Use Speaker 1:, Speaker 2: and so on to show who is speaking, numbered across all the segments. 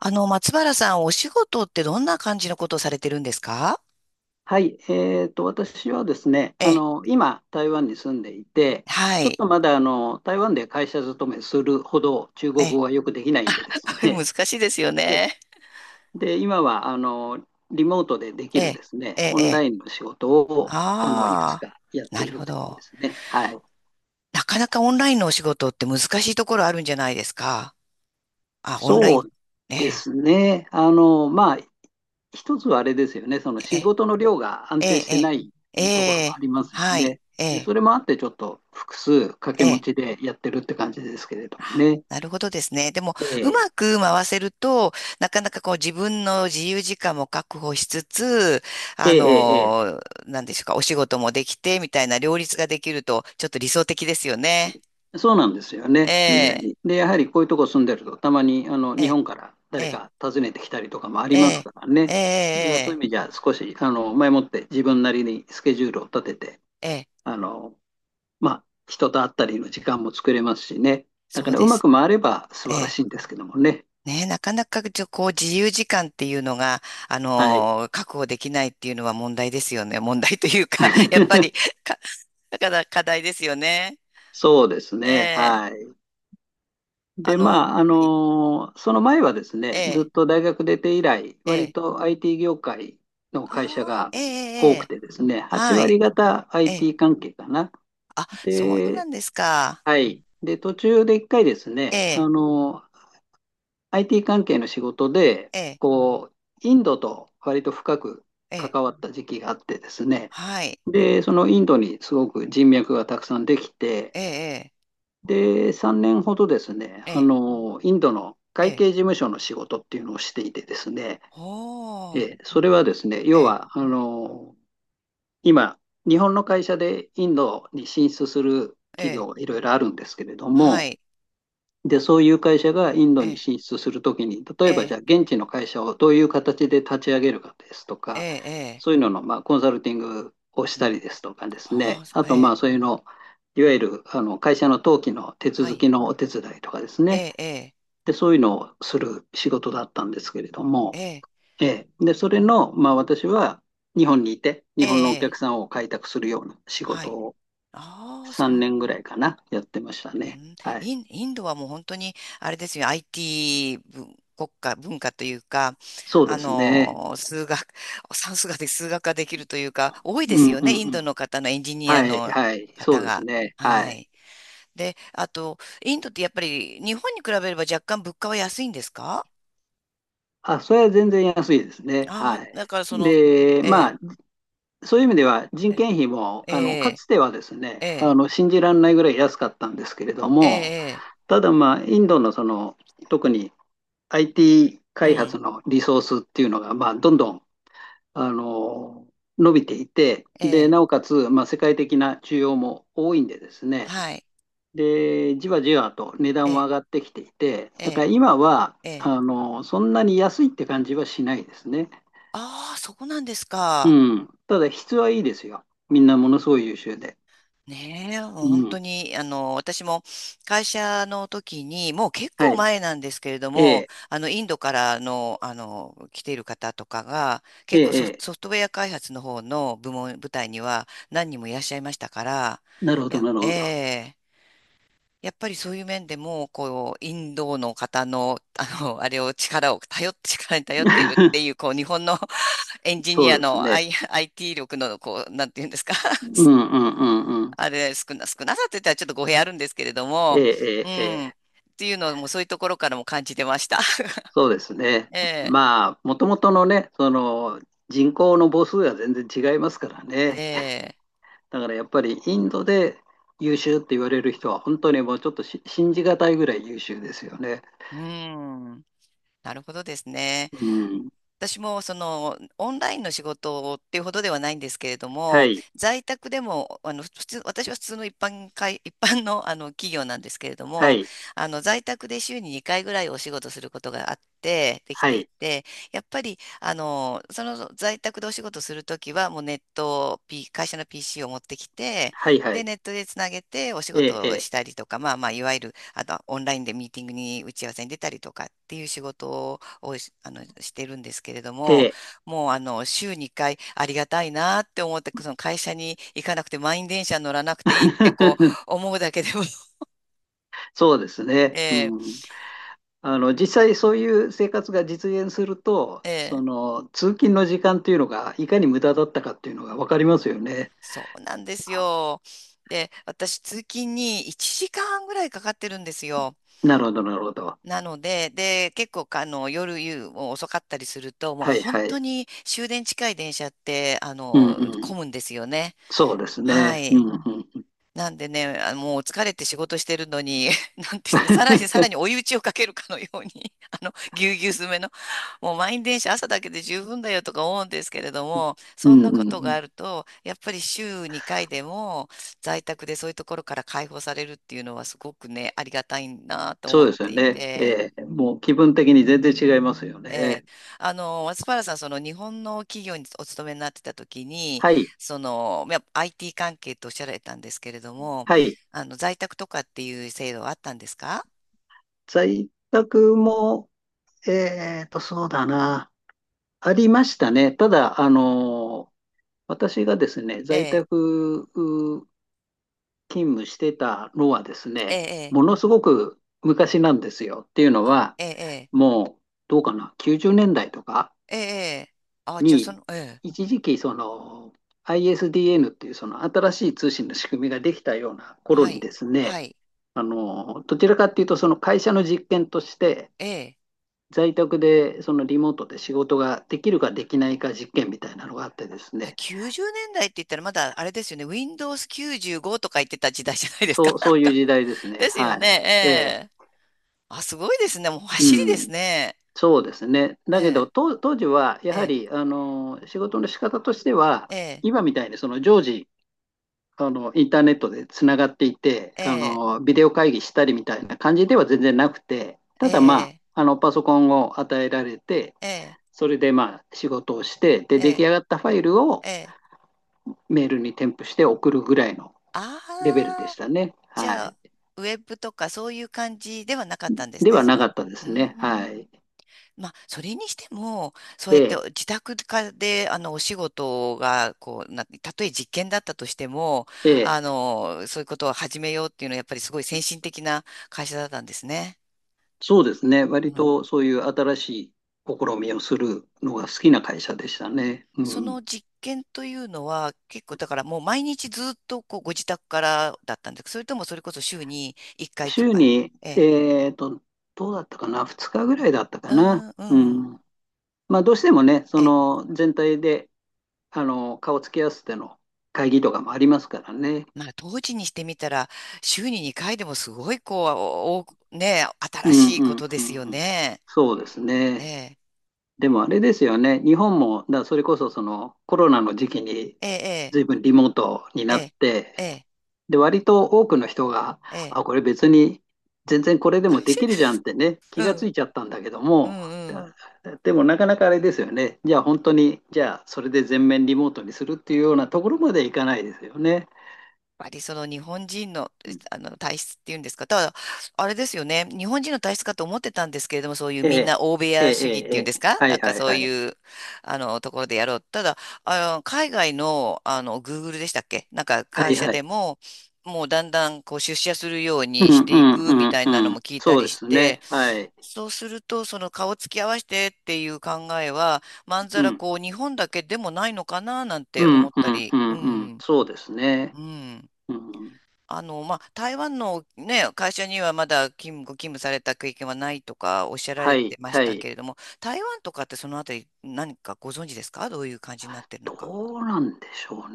Speaker 1: 松原さん、お仕事ってどんな感じのことをされてるんですか？
Speaker 2: はい、私はですね、
Speaker 1: ええ、
Speaker 2: 今、台湾に住んでいて、
Speaker 1: は
Speaker 2: ちょっ
Speaker 1: い。
Speaker 2: とまだ台湾で会社勤めするほど中国
Speaker 1: え
Speaker 2: 語はよくできないんでです
Speaker 1: え、難
Speaker 2: ね、
Speaker 1: しいですよ
Speaker 2: で、
Speaker 1: ね。
Speaker 2: で今はリモートでで
Speaker 1: え
Speaker 2: きるで
Speaker 1: え、
Speaker 2: す
Speaker 1: え
Speaker 2: ね、
Speaker 1: え、
Speaker 2: オ
Speaker 1: え
Speaker 2: ンラ
Speaker 1: え。
Speaker 2: インの仕事をいくつ
Speaker 1: あ
Speaker 2: かやっ
Speaker 1: あ、
Speaker 2: て
Speaker 1: な
Speaker 2: い
Speaker 1: る
Speaker 2: るっ
Speaker 1: ほ
Speaker 2: て感じで
Speaker 1: ど。
Speaker 2: すね。はい。
Speaker 1: なかなかオンラインのお仕事って難しいところあるんじゃないですか？あ、オンライ
Speaker 2: そ
Speaker 1: ン。
Speaker 2: う
Speaker 1: え
Speaker 2: で
Speaker 1: え、
Speaker 2: すね、まあ、一つはあれですよね、その
Speaker 1: え
Speaker 2: 仕
Speaker 1: え、
Speaker 2: 事の量が安
Speaker 1: え
Speaker 2: 定してな
Speaker 1: え、
Speaker 2: いっ
Speaker 1: ええ、
Speaker 2: て
Speaker 1: え
Speaker 2: いうところもあ
Speaker 1: え、
Speaker 2: りますよ
Speaker 1: はい、
Speaker 2: ね。
Speaker 1: え
Speaker 2: で、
Speaker 1: え、
Speaker 2: それもあって、ちょっと複数掛
Speaker 1: え
Speaker 2: け持
Speaker 1: え。
Speaker 2: ちでやってるって感じですけれども
Speaker 1: あ、
Speaker 2: ね。
Speaker 1: なるほどですね。でも、
Speaker 2: え
Speaker 1: う
Speaker 2: え、
Speaker 1: まく回せると、なかなかこう自分の自由時間も確保しつつ、
Speaker 2: え
Speaker 1: あ
Speaker 2: え、え
Speaker 1: の、なんでしょうか、お仕事もできて、みたいな両立ができると、ちょっと理想的ですよね。
Speaker 2: え、そうなんですよ
Speaker 1: え
Speaker 2: ね。で、
Speaker 1: え、
Speaker 2: でやはりこういうとこ住んでると、たまに
Speaker 1: え
Speaker 2: 日
Speaker 1: え、
Speaker 2: 本から
Speaker 1: え
Speaker 2: 誰
Speaker 1: え、
Speaker 2: か訪ねてきたりとかもあ
Speaker 1: え
Speaker 2: ります
Speaker 1: え、
Speaker 2: から
Speaker 1: ええ、
Speaker 2: ね。だからそうい
Speaker 1: ええ、
Speaker 2: う意味じゃ、少し前もって自分なりにスケジュールを立てて、
Speaker 1: ええ、
Speaker 2: あのまあ、人と会ったりの時間も作れますしね。だ
Speaker 1: そ
Speaker 2: か
Speaker 1: う
Speaker 2: らう
Speaker 1: で
Speaker 2: ま
Speaker 1: す。
Speaker 2: く回れば素
Speaker 1: え
Speaker 2: 晴ら
Speaker 1: え。
Speaker 2: しいんですけどもね。
Speaker 1: ね、なかなかこう自由時間っていうのが、
Speaker 2: はい。
Speaker 1: 確保できないっていうのは問題ですよね。問題というか、やっぱり か、だから課題ですよね。
Speaker 2: そうです
Speaker 1: え
Speaker 2: ね。は
Speaker 1: え。
Speaker 2: い。で、まあ、
Speaker 1: はい。
Speaker 2: その前はです
Speaker 1: え
Speaker 2: ね、ずっ
Speaker 1: え、
Speaker 2: と大学出て以来、
Speaker 1: え
Speaker 2: 割
Speaker 1: え。
Speaker 2: と IT 業界の会社
Speaker 1: ああ、
Speaker 2: が
Speaker 1: ええ、
Speaker 2: 多く
Speaker 1: ええ。
Speaker 2: てですね、8
Speaker 1: は
Speaker 2: 割
Speaker 1: い。
Speaker 2: 方
Speaker 1: ええ。
Speaker 2: IT 関係かな。
Speaker 1: あ、そうな
Speaker 2: で、
Speaker 1: んですか。
Speaker 2: はい。で、途中で一回です
Speaker 1: え
Speaker 2: ね、
Speaker 1: え、
Speaker 2: IT 関係の仕事で、
Speaker 1: ええ、
Speaker 2: こう、インドと割と深く
Speaker 1: ええ。
Speaker 2: 関わった時期があってですね、
Speaker 1: はい。
Speaker 2: で、そのインドにすごく人脈がたくさんできて、
Speaker 1: ええ、
Speaker 2: で、3年ほどですね、
Speaker 1: ええ、
Speaker 2: インドの
Speaker 1: ええ。
Speaker 2: 会
Speaker 1: え
Speaker 2: 計事
Speaker 1: え、
Speaker 2: 務所の仕事っていうのをしていてですね、
Speaker 1: ほう。
Speaker 2: それはですね、
Speaker 1: え
Speaker 2: 要
Speaker 1: え、
Speaker 2: は、今、日本の会社でインドに進出する
Speaker 1: え
Speaker 2: 企業が
Speaker 1: え。
Speaker 2: いろいろあるんですけれど
Speaker 1: は
Speaker 2: も、
Speaker 1: い。
Speaker 2: で、そういう会社がインド
Speaker 1: え
Speaker 2: に
Speaker 1: え、
Speaker 2: 進出するときに、例
Speaker 1: え
Speaker 2: えばじゃ
Speaker 1: え、
Speaker 2: あ現地の会社をどういう形で立ち上げるかですと
Speaker 1: え
Speaker 2: か、
Speaker 1: え、
Speaker 2: そういうののまあコンサルティングをし
Speaker 1: ええ。う
Speaker 2: たり
Speaker 1: ん。
Speaker 2: ですとかですね、
Speaker 1: あ
Speaker 2: あ
Speaker 1: あ、え
Speaker 2: とまあ
Speaker 1: え。
Speaker 2: そういうの、いわゆる会社の登記の手
Speaker 1: は
Speaker 2: 続
Speaker 1: い。
Speaker 2: きのお手伝いとかです
Speaker 1: え
Speaker 2: ね、
Speaker 1: え、ええ、
Speaker 2: で、そういうのをする仕事だったんですけれど
Speaker 1: え
Speaker 2: も、
Speaker 1: え、
Speaker 2: ええ、で、それの、まあ私は日本にいて、日
Speaker 1: え
Speaker 2: 本のお客
Speaker 1: え。
Speaker 2: さんを開拓するような仕
Speaker 1: は
Speaker 2: 事
Speaker 1: い。
Speaker 2: を
Speaker 1: ああ、そ
Speaker 2: 3
Speaker 1: う、
Speaker 2: 年ぐらいかな、やってました
Speaker 1: う
Speaker 2: ね。
Speaker 1: ん、
Speaker 2: はい。
Speaker 1: インドはもう本当に、あれですよ、IT 文国家、文化というか、
Speaker 2: そうですね。
Speaker 1: 数学、算数がで、数学ができるというか、多いで
Speaker 2: う
Speaker 1: す
Speaker 2: ん、
Speaker 1: よ
Speaker 2: う
Speaker 1: ね、
Speaker 2: ん、
Speaker 1: イン
Speaker 2: う
Speaker 1: ド
Speaker 2: ん。
Speaker 1: の方のエンジニア
Speaker 2: はい、
Speaker 1: の
Speaker 2: はい、そ
Speaker 1: 方
Speaker 2: うです
Speaker 1: が。
Speaker 2: ね。は
Speaker 1: は
Speaker 2: い。
Speaker 1: い。で、あと、インドってやっぱり日本に比べれば若干物価は安いんですか？
Speaker 2: あ、それは全然安いですね。
Speaker 1: ああ
Speaker 2: は
Speaker 1: ー、
Speaker 2: い。
Speaker 1: だからその、
Speaker 2: で、
Speaker 1: え
Speaker 2: まあ、そういう意味では人
Speaker 1: え、
Speaker 2: 件費も、
Speaker 1: え
Speaker 2: か
Speaker 1: え、
Speaker 2: つてはですね、
Speaker 1: ええ、
Speaker 2: 信じられないぐらい安かったんですけれど
Speaker 1: え
Speaker 2: も、
Speaker 1: え、ええ、
Speaker 2: ただまあ、インドのその、特に IT
Speaker 1: う
Speaker 2: 開
Speaker 1: ん、
Speaker 2: 発のリソースっていうのが、まあ、どんどん、あの、伸びていて、
Speaker 1: え
Speaker 2: で、
Speaker 1: え、
Speaker 2: なおかつ、まあ、世界的な需要も多いんでですね、
Speaker 1: はい、
Speaker 2: で、じわじわと値
Speaker 1: え
Speaker 2: 段は
Speaker 1: え、
Speaker 2: 上がってきていて、
Speaker 1: え
Speaker 2: だから
Speaker 1: え、
Speaker 2: 今は、
Speaker 1: ええ。
Speaker 2: そんなに安いって感じはしないですね。
Speaker 1: ああ、そこなんですか。
Speaker 2: うん。ただ質はいいですよ。みんなものすごい優秀で。
Speaker 1: ねえ、
Speaker 2: う
Speaker 1: 本当
Speaker 2: ん。
Speaker 1: に、私も会社の時に、もう結
Speaker 2: は
Speaker 1: 構
Speaker 2: い。
Speaker 1: 前なんですけれど
Speaker 2: え
Speaker 1: も、
Speaker 2: え、
Speaker 1: インドからの、来ている方とかが、
Speaker 2: え
Speaker 1: 結
Speaker 2: え、
Speaker 1: 構
Speaker 2: ええ。
Speaker 1: ソフトウェア開発の方の部門、部隊には何人もいらっしゃいましたから、
Speaker 2: なるほ
Speaker 1: い
Speaker 2: ど、
Speaker 1: や、
Speaker 2: なる
Speaker 1: え
Speaker 2: ほど。
Speaker 1: え、やっぱりそういう面でも、こう、インドの方の、あれを力を頼って、力に頼っているっていう、こう、日本の エンジニ
Speaker 2: そう
Speaker 1: ア
Speaker 2: です
Speaker 1: の、
Speaker 2: ね。
Speaker 1: IT 力の、こう、なんていうんですか？
Speaker 2: う ん、うん、うん、うん。
Speaker 1: あれ、少なさって言ったらちょっと語弊あるんですけれど
Speaker 2: ええ、
Speaker 1: も、う
Speaker 2: ええ、え
Speaker 1: ん。っ
Speaker 2: え。
Speaker 1: ていうのもそういうところからも感じてました。
Speaker 2: そうです ね。
Speaker 1: え
Speaker 2: まあ、もともとのね、その、人口の母数が全然違いますから
Speaker 1: え、え
Speaker 2: ね。
Speaker 1: え、
Speaker 2: だからやっぱりインドで優秀って言われる人は本当にもうちょっと信じがたいぐらい優秀ですよね。
Speaker 1: うん。なるほどですね。
Speaker 2: うん。
Speaker 1: 私もそのオンラインの仕事っていうほどではないんですけれど
Speaker 2: は
Speaker 1: も、
Speaker 2: い。
Speaker 1: 在宅でも普通、私は普通の一般会、一般の、企業なんですけれど
Speaker 2: は
Speaker 1: も、
Speaker 2: い。
Speaker 1: 在宅で週に2回ぐらいお仕事することがあって、でき
Speaker 2: は
Speaker 1: てい
Speaker 2: い。
Speaker 1: て、やっぱりその在宅でお仕事するときは、もうネット P、会社の PC を持ってきて、
Speaker 2: はい。は
Speaker 1: で、
Speaker 2: い。
Speaker 1: ネットでつなげてお仕
Speaker 2: ええ。
Speaker 1: 事
Speaker 2: え
Speaker 1: を
Speaker 2: え。
Speaker 1: したりとか、まあまあ、いわゆるオンラインでミーティングに打ち合わせに出たりとかっていう仕事をし、してるんですけれど
Speaker 2: え
Speaker 1: も、
Speaker 2: え
Speaker 1: もう週2回ありがたいなって思って、その会社に行かなくて満員電車乗らなくていいってこ う思うだけでも、
Speaker 2: そうですね。う
Speaker 1: ええ
Speaker 2: ん。実際そういう生活が実現すると、
Speaker 1: え
Speaker 2: そ
Speaker 1: ー、
Speaker 2: の通勤の時間っていうのがいかに無駄だったかっていうのが分かりますよね。
Speaker 1: そうなんですよ。で、私通勤に1時間ぐらいかかってるんですよ。
Speaker 2: なるほど、なるほど。
Speaker 1: なので、で、結構夜夕も遅かったりすると、もう
Speaker 2: はい、
Speaker 1: 本
Speaker 2: は
Speaker 1: 当
Speaker 2: い。
Speaker 1: に終電近い電車って、
Speaker 2: うん、うん。
Speaker 1: 混むんですよね。
Speaker 2: そうです
Speaker 1: は
Speaker 2: ね。う
Speaker 1: い。
Speaker 2: ん、うん。
Speaker 1: なんでね、あ、もう疲れて仕事してるのに、なんていうの、さらにさらに追い打ちをかけるかのように、ぎゅうぎゅう詰めの、もう満員電車朝だけで十分だよとか思うんですけれども、
Speaker 2: う
Speaker 1: そん
Speaker 2: ん、
Speaker 1: なこ
Speaker 2: う
Speaker 1: とがあ
Speaker 2: ん。
Speaker 1: ると、やっぱり週2回でも在宅でそういうところから解放されるっていうのはすごくね、ありがたいなと
Speaker 2: そ
Speaker 1: 思
Speaker 2: う
Speaker 1: っ
Speaker 2: ですよ
Speaker 1: てい
Speaker 2: ね。
Speaker 1: て、
Speaker 2: もう気分的に全然違いますよ
Speaker 1: ええ、
Speaker 2: ね。
Speaker 1: 松原さん、その日本の企業にお勤めになってた時に、
Speaker 2: はい。
Speaker 1: その、やっぱ IT 関係とおっしゃられたんですけれども、
Speaker 2: はい。
Speaker 1: 在宅とかっていう制度はあったんですか？
Speaker 2: 在宅も、そうだな。ありましたね。ただ、私がですね、
Speaker 1: え
Speaker 2: 在
Speaker 1: え、
Speaker 2: 宅勤務してたのはです
Speaker 1: え
Speaker 2: ね、
Speaker 1: え、
Speaker 2: ものすごく昔なんですよ。っていうのは、
Speaker 1: ええ、
Speaker 2: もう、どうかな、90年代とか、
Speaker 1: ええ、ええ、あ、じゃあそ
Speaker 2: に、
Speaker 1: の、ええ、
Speaker 2: 一時期その ISDN っていうその新しい通信の仕組みができたような頃
Speaker 1: は
Speaker 2: に
Speaker 1: い、
Speaker 2: です
Speaker 1: は
Speaker 2: ね、
Speaker 1: い、
Speaker 2: どちらかっていうとその会社の実験として、
Speaker 1: ええ、
Speaker 2: 在宅でそのリモートで仕事ができるかできないか実験みたいなのがあってです
Speaker 1: あ、
Speaker 2: ね、
Speaker 1: 90年代って言ったらまだあれですよね、Windows 95とか言ってた時代じゃないですか。
Speaker 2: そ う、
Speaker 1: なん
Speaker 2: そういう
Speaker 1: か
Speaker 2: 時代です
Speaker 1: で
Speaker 2: ね。
Speaker 1: すよ
Speaker 2: は
Speaker 1: ね、
Speaker 2: い。ええ、
Speaker 1: ええ。あ、すごいですね。もう
Speaker 2: う
Speaker 1: 走りです
Speaker 2: ん。
Speaker 1: ね。
Speaker 2: そうですね。
Speaker 1: え
Speaker 2: だけど、
Speaker 1: え、
Speaker 2: 当時は、や
Speaker 1: え
Speaker 2: は
Speaker 1: え、
Speaker 2: り、仕事の仕方として
Speaker 1: え
Speaker 2: は、
Speaker 1: え、
Speaker 2: 今みたいにその常時インターネットでつながっていて、
Speaker 1: ええ。
Speaker 2: ビデオ会議したりみたいな感じでは全然なくて、た
Speaker 1: え
Speaker 2: だま
Speaker 1: え、
Speaker 2: あ、パソコンを与えられて、
Speaker 1: ええ、
Speaker 2: それでまあ、仕事をして、で、
Speaker 1: え
Speaker 2: 出来上
Speaker 1: え、
Speaker 2: がったファイルを
Speaker 1: ええ。
Speaker 2: メールに添付して送るぐらいのレベルで
Speaker 1: あ
Speaker 2: し
Speaker 1: あ、
Speaker 2: たね。
Speaker 1: じ
Speaker 2: は
Speaker 1: ゃあ、
Speaker 2: い。
Speaker 1: ウェブとかそういう感じではなかったんです
Speaker 2: で
Speaker 1: ね、
Speaker 2: は
Speaker 1: そ
Speaker 2: なか
Speaker 1: の。
Speaker 2: ったで
Speaker 1: うー
Speaker 2: すね。は
Speaker 1: ん。
Speaker 2: い。
Speaker 1: まあ、それにしても、そう
Speaker 2: え
Speaker 1: やって
Speaker 2: え、
Speaker 1: 自宅かで、お仕事が、こう、たとえ実験だったとしても、
Speaker 2: ええ、
Speaker 1: そういうことを始めようっていうのは、やっぱりすごい先進的な会社だったんですね。
Speaker 2: そうですね。割とそういう新しい試みをするのが好きな会社でしたね。う
Speaker 1: そ
Speaker 2: ん。
Speaker 1: の実験というのは結構だからもう毎日ずっとこうご自宅からだったんですか？それともそれこそ週に1回と
Speaker 2: 週
Speaker 1: か。
Speaker 2: に、
Speaker 1: ええ。
Speaker 2: どうだったかな、2日ぐらいだった
Speaker 1: う
Speaker 2: か
Speaker 1: ー
Speaker 2: な。
Speaker 1: ん、う
Speaker 2: う
Speaker 1: ん。
Speaker 2: ん。まあ、どうしてもね、そ
Speaker 1: ええ。
Speaker 2: の全体で、顔つき合わせての会議とかもありますからね。
Speaker 1: まあ当時にしてみたら週に2回でもすごいこう、ねえ、
Speaker 2: う
Speaker 1: 新
Speaker 2: ん、
Speaker 1: しい
Speaker 2: う
Speaker 1: こ
Speaker 2: ん、
Speaker 1: とで
Speaker 2: う
Speaker 1: すよ
Speaker 2: ん、うん。
Speaker 1: ね。
Speaker 2: そうです
Speaker 1: え
Speaker 2: ね。
Speaker 1: え。
Speaker 2: でもあれですよね、日本も、だからそれこそそのコロナの時期に、
Speaker 1: ええ、
Speaker 2: 随分リモートに
Speaker 1: え
Speaker 2: なっ
Speaker 1: え、ええ、
Speaker 2: て、
Speaker 1: え
Speaker 2: で、割と多くの人が、
Speaker 1: え。ええ、
Speaker 2: あ、これ別に全然これでもできるじゃんってね、気
Speaker 1: う
Speaker 2: がつ
Speaker 1: ん、
Speaker 2: いちゃったんだけど
Speaker 1: うん、
Speaker 2: も、
Speaker 1: うん。
Speaker 2: だでもなかなかあれですよね。じゃあ本当に、じゃあそれで全面リモートにするっていうようなところまでいかないですよね。
Speaker 1: ぱりその日本人の、
Speaker 2: う
Speaker 1: え
Speaker 2: ん、
Speaker 1: あの体質っていうんですか、ただ、あれですよね、日本人の体質かと思ってたんですけれども、そういう
Speaker 2: え
Speaker 1: みん
Speaker 2: え、
Speaker 1: な欧米
Speaker 2: ええ、
Speaker 1: 屋主
Speaker 2: え
Speaker 1: 義っていうん
Speaker 2: え、
Speaker 1: で
Speaker 2: え
Speaker 1: す
Speaker 2: え、
Speaker 1: か、
Speaker 2: は
Speaker 1: なん
Speaker 2: い、
Speaker 1: か
Speaker 2: はい、
Speaker 1: そう
Speaker 2: はい。
Speaker 1: いうところでやろう。ただ、海外の、Google でしたっけ、なんか
Speaker 2: は
Speaker 1: 会
Speaker 2: い、
Speaker 1: 社
Speaker 2: はい。
Speaker 1: でも、もうだんだんこう出社するよう
Speaker 2: うん、
Speaker 1: にし
Speaker 2: う
Speaker 1: てい
Speaker 2: ん、
Speaker 1: く
Speaker 2: う
Speaker 1: みた
Speaker 2: ん、
Speaker 1: いなの
Speaker 2: う
Speaker 1: も
Speaker 2: ん。
Speaker 1: 聞いた
Speaker 2: そう
Speaker 1: り
Speaker 2: で
Speaker 1: し
Speaker 2: す
Speaker 1: て、
Speaker 2: ね。はい。
Speaker 1: そうすると、その顔つき合わせてっていう考えは、まんざ
Speaker 2: う
Speaker 1: ら
Speaker 2: ん。
Speaker 1: こう日本だけでもないのかななん
Speaker 2: う
Speaker 1: て
Speaker 2: ん、う
Speaker 1: 思った
Speaker 2: ん、
Speaker 1: り、
Speaker 2: う
Speaker 1: う
Speaker 2: ん、うん。
Speaker 1: ん、
Speaker 2: そうですね。
Speaker 1: うん。
Speaker 2: うん。
Speaker 1: まあ、台湾のね、会社にはまだご勤務された経験はないとかおっしゃら
Speaker 2: は
Speaker 1: れて
Speaker 2: い、
Speaker 1: まし
Speaker 2: は
Speaker 1: たけ
Speaker 2: い。
Speaker 1: れども、台湾とかってそのあたり何かご存知ですか？どういう感じになってるの
Speaker 2: ど
Speaker 1: か。
Speaker 2: うなんでしょう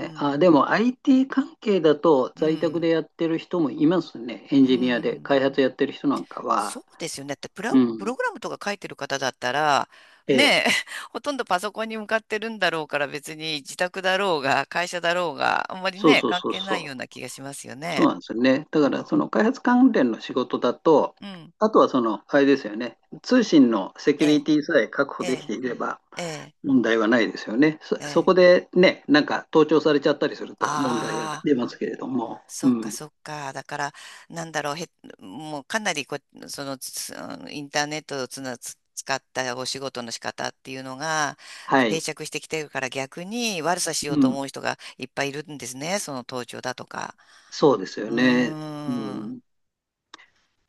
Speaker 1: う
Speaker 2: あ、
Speaker 1: ん、
Speaker 2: でも IT 関係だと
Speaker 1: う
Speaker 2: 在宅
Speaker 1: ん、
Speaker 2: でやってる人もいますね。エ
Speaker 1: う
Speaker 2: ンジニアで
Speaker 1: ん。
Speaker 2: 開発やってる人なんかは。
Speaker 1: そうですよね。だって
Speaker 2: う
Speaker 1: プロ
Speaker 2: ん。
Speaker 1: グラムとか書いてる方だったら、
Speaker 2: え
Speaker 1: ねえ、
Speaker 2: え。
Speaker 1: ほとんどパソコンに向かってるんだろうから別に自宅だろうが会社だろうがあんまり
Speaker 2: そう、
Speaker 1: ね、
Speaker 2: そう、
Speaker 1: 関
Speaker 2: そう、
Speaker 1: 係な
Speaker 2: そ
Speaker 1: いような気がしますよ
Speaker 2: う。そ
Speaker 1: ね。
Speaker 2: うなんですよね。だからその開発関連の仕事だと、
Speaker 1: うん。
Speaker 2: あとはその、あれですよね。通信のセキ
Speaker 1: え
Speaker 2: ュリ
Speaker 1: え、
Speaker 2: ティさえ確保
Speaker 1: え
Speaker 2: でき
Speaker 1: え、
Speaker 2: ていれば
Speaker 1: ええ、
Speaker 2: 問題はないですよね。そ、
Speaker 1: え
Speaker 2: そ
Speaker 1: え。
Speaker 2: こでね、なんか盗聴されちゃったりすると問題が
Speaker 1: あ
Speaker 2: 出
Speaker 1: あ。
Speaker 2: ますけれども。
Speaker 1: そ
Speaker 2: う
Speaker 1: っか
Speaker 2: ん。
Speaker 1: そっか。だから、なんだろう、もうかなりその、つうんインターネットをつな、つ使ったお仕事の仕方っていうのが
Speaker 2: は
Speaker 1: 定
Speaker 2: い。
Speaker 1: 着してきてるから逆に悪さしよ
Speaker 2: う
Speaker 1: うと
Speaker 2: ん。
Speaker 1: 思う人がいっぱいいるんですね。その盗聴だとか。
Speaker 2: そうですよ
Speaker 1: う
Speaker 2: ね。う
Speaker 1: ーん。
Speaker 2: ん、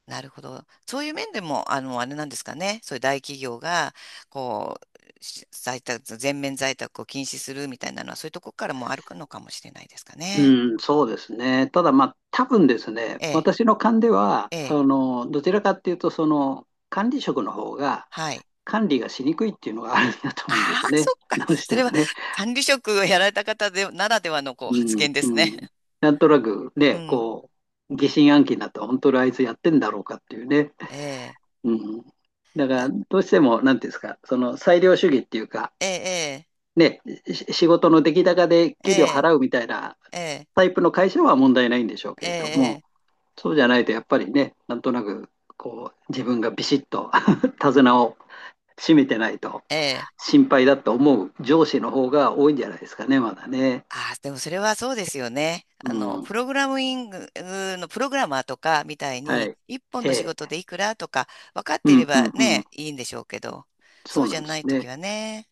Speaker 1: なるほど。そういう面でも、あれなんですかね。そういう大企業が、こう、し在宅、全面在宅を禁止するみたいなのは、そういうところからもあるのかもしれないですかね。
Speaker 2: うん、そうですね。ただ、まあ、多分ですね、
Speaker 1: ええ、
Speaker 2: 私の勘では、
Speaker 1: ええ、
Speaker 2: どちらかっていうと、その、管理職の方が、
Speaker 1: はい。
Speaker 2: 管理がしにくいっていうのがあるんだと思うんで
Speaker 1: あ
Speaker 2: す
Speaker 1: あ、そ
Speaker 2: ね。
Speaker 1: っか。
Speaker 2: どうし
Speaker 1: そ
Speaker 2: て
Speaker 1: れ
Speaker 2: も
Speaker 1: は
Speaker 2: ね。
Speaker 1: 管理職をやられた方で、ならではのこう
Speaker 2: う
Speaker 1: 発
Speaker 2: ん、
Speaker 1: 言です
Speaker 2: う
Speaker 1: ね。
Speaker 2: ん。なんとなく
Speaker 1: う
Speaker 2: ね、
Speaker 1: ん。
Speaker 2: こう、疑心暗鬼になって、本当にあいつやってんだろうかっていうね。
Speaker 1: ええ。
Speaker 2: うん。だか
Speaker 1: だ
Speaker 2: ら、どうしても、なんていうんですか、その、裁量主義っていうか、
Speaker 1: ええ、
Speaker 2: ね、仕事の出来高で
Speaker 1: ええ、
Speaker 2: 給料
Speaker 1: え
Speaker 2: 払うみたいな
Speaker 1: え、
Speaker 2: タイプの会社は問題ないんでしょうけ
Speaker 1: ええ、
Speaker 2: れども、
Speaker 1: ええ。
Speaker 2: そうじゃないと、やっぱりね、なんとなく、こう、自分がビシッと 手綱を締めてないと、
Speaker 1: ええ、
Speaker 2: 心配だと思う上司の方が多いんじゃないですかね、まだね。
Speaker 1: ああ、でもそれはそうですよね。
Speaker 2: う
Speaker 1: プ
Speaker 2: ん。
Speaker 1: ログラミングのプログラマーとかみたい
Speaker 2: は
Speaker 1: に、
Speaker 2: い。
Speaker 1: 一本
Speaker 2: え
Speaker 1: の仕
Speaker 2: え。
Speaker 1: 事でいくらとか分かっ
Speaker 2: う
Speaker 1: ていれ
Speaker 2: ん、う
Speaker 1: ば
Speaker 2: ん、うん。
Speaker 1: ね、いいんでしょうけど、そ
Speaker 2: そ
Speaker 1: う
Speaker 2: う
Speaker 1: じ
Speaker 2: な
Speaker 1: ゃ
Speaker 2: んで
Speaker 1: な
Speaker 2: す
Speaker 1: いとき
Speaker 2: ね。
Speaker 1: はね。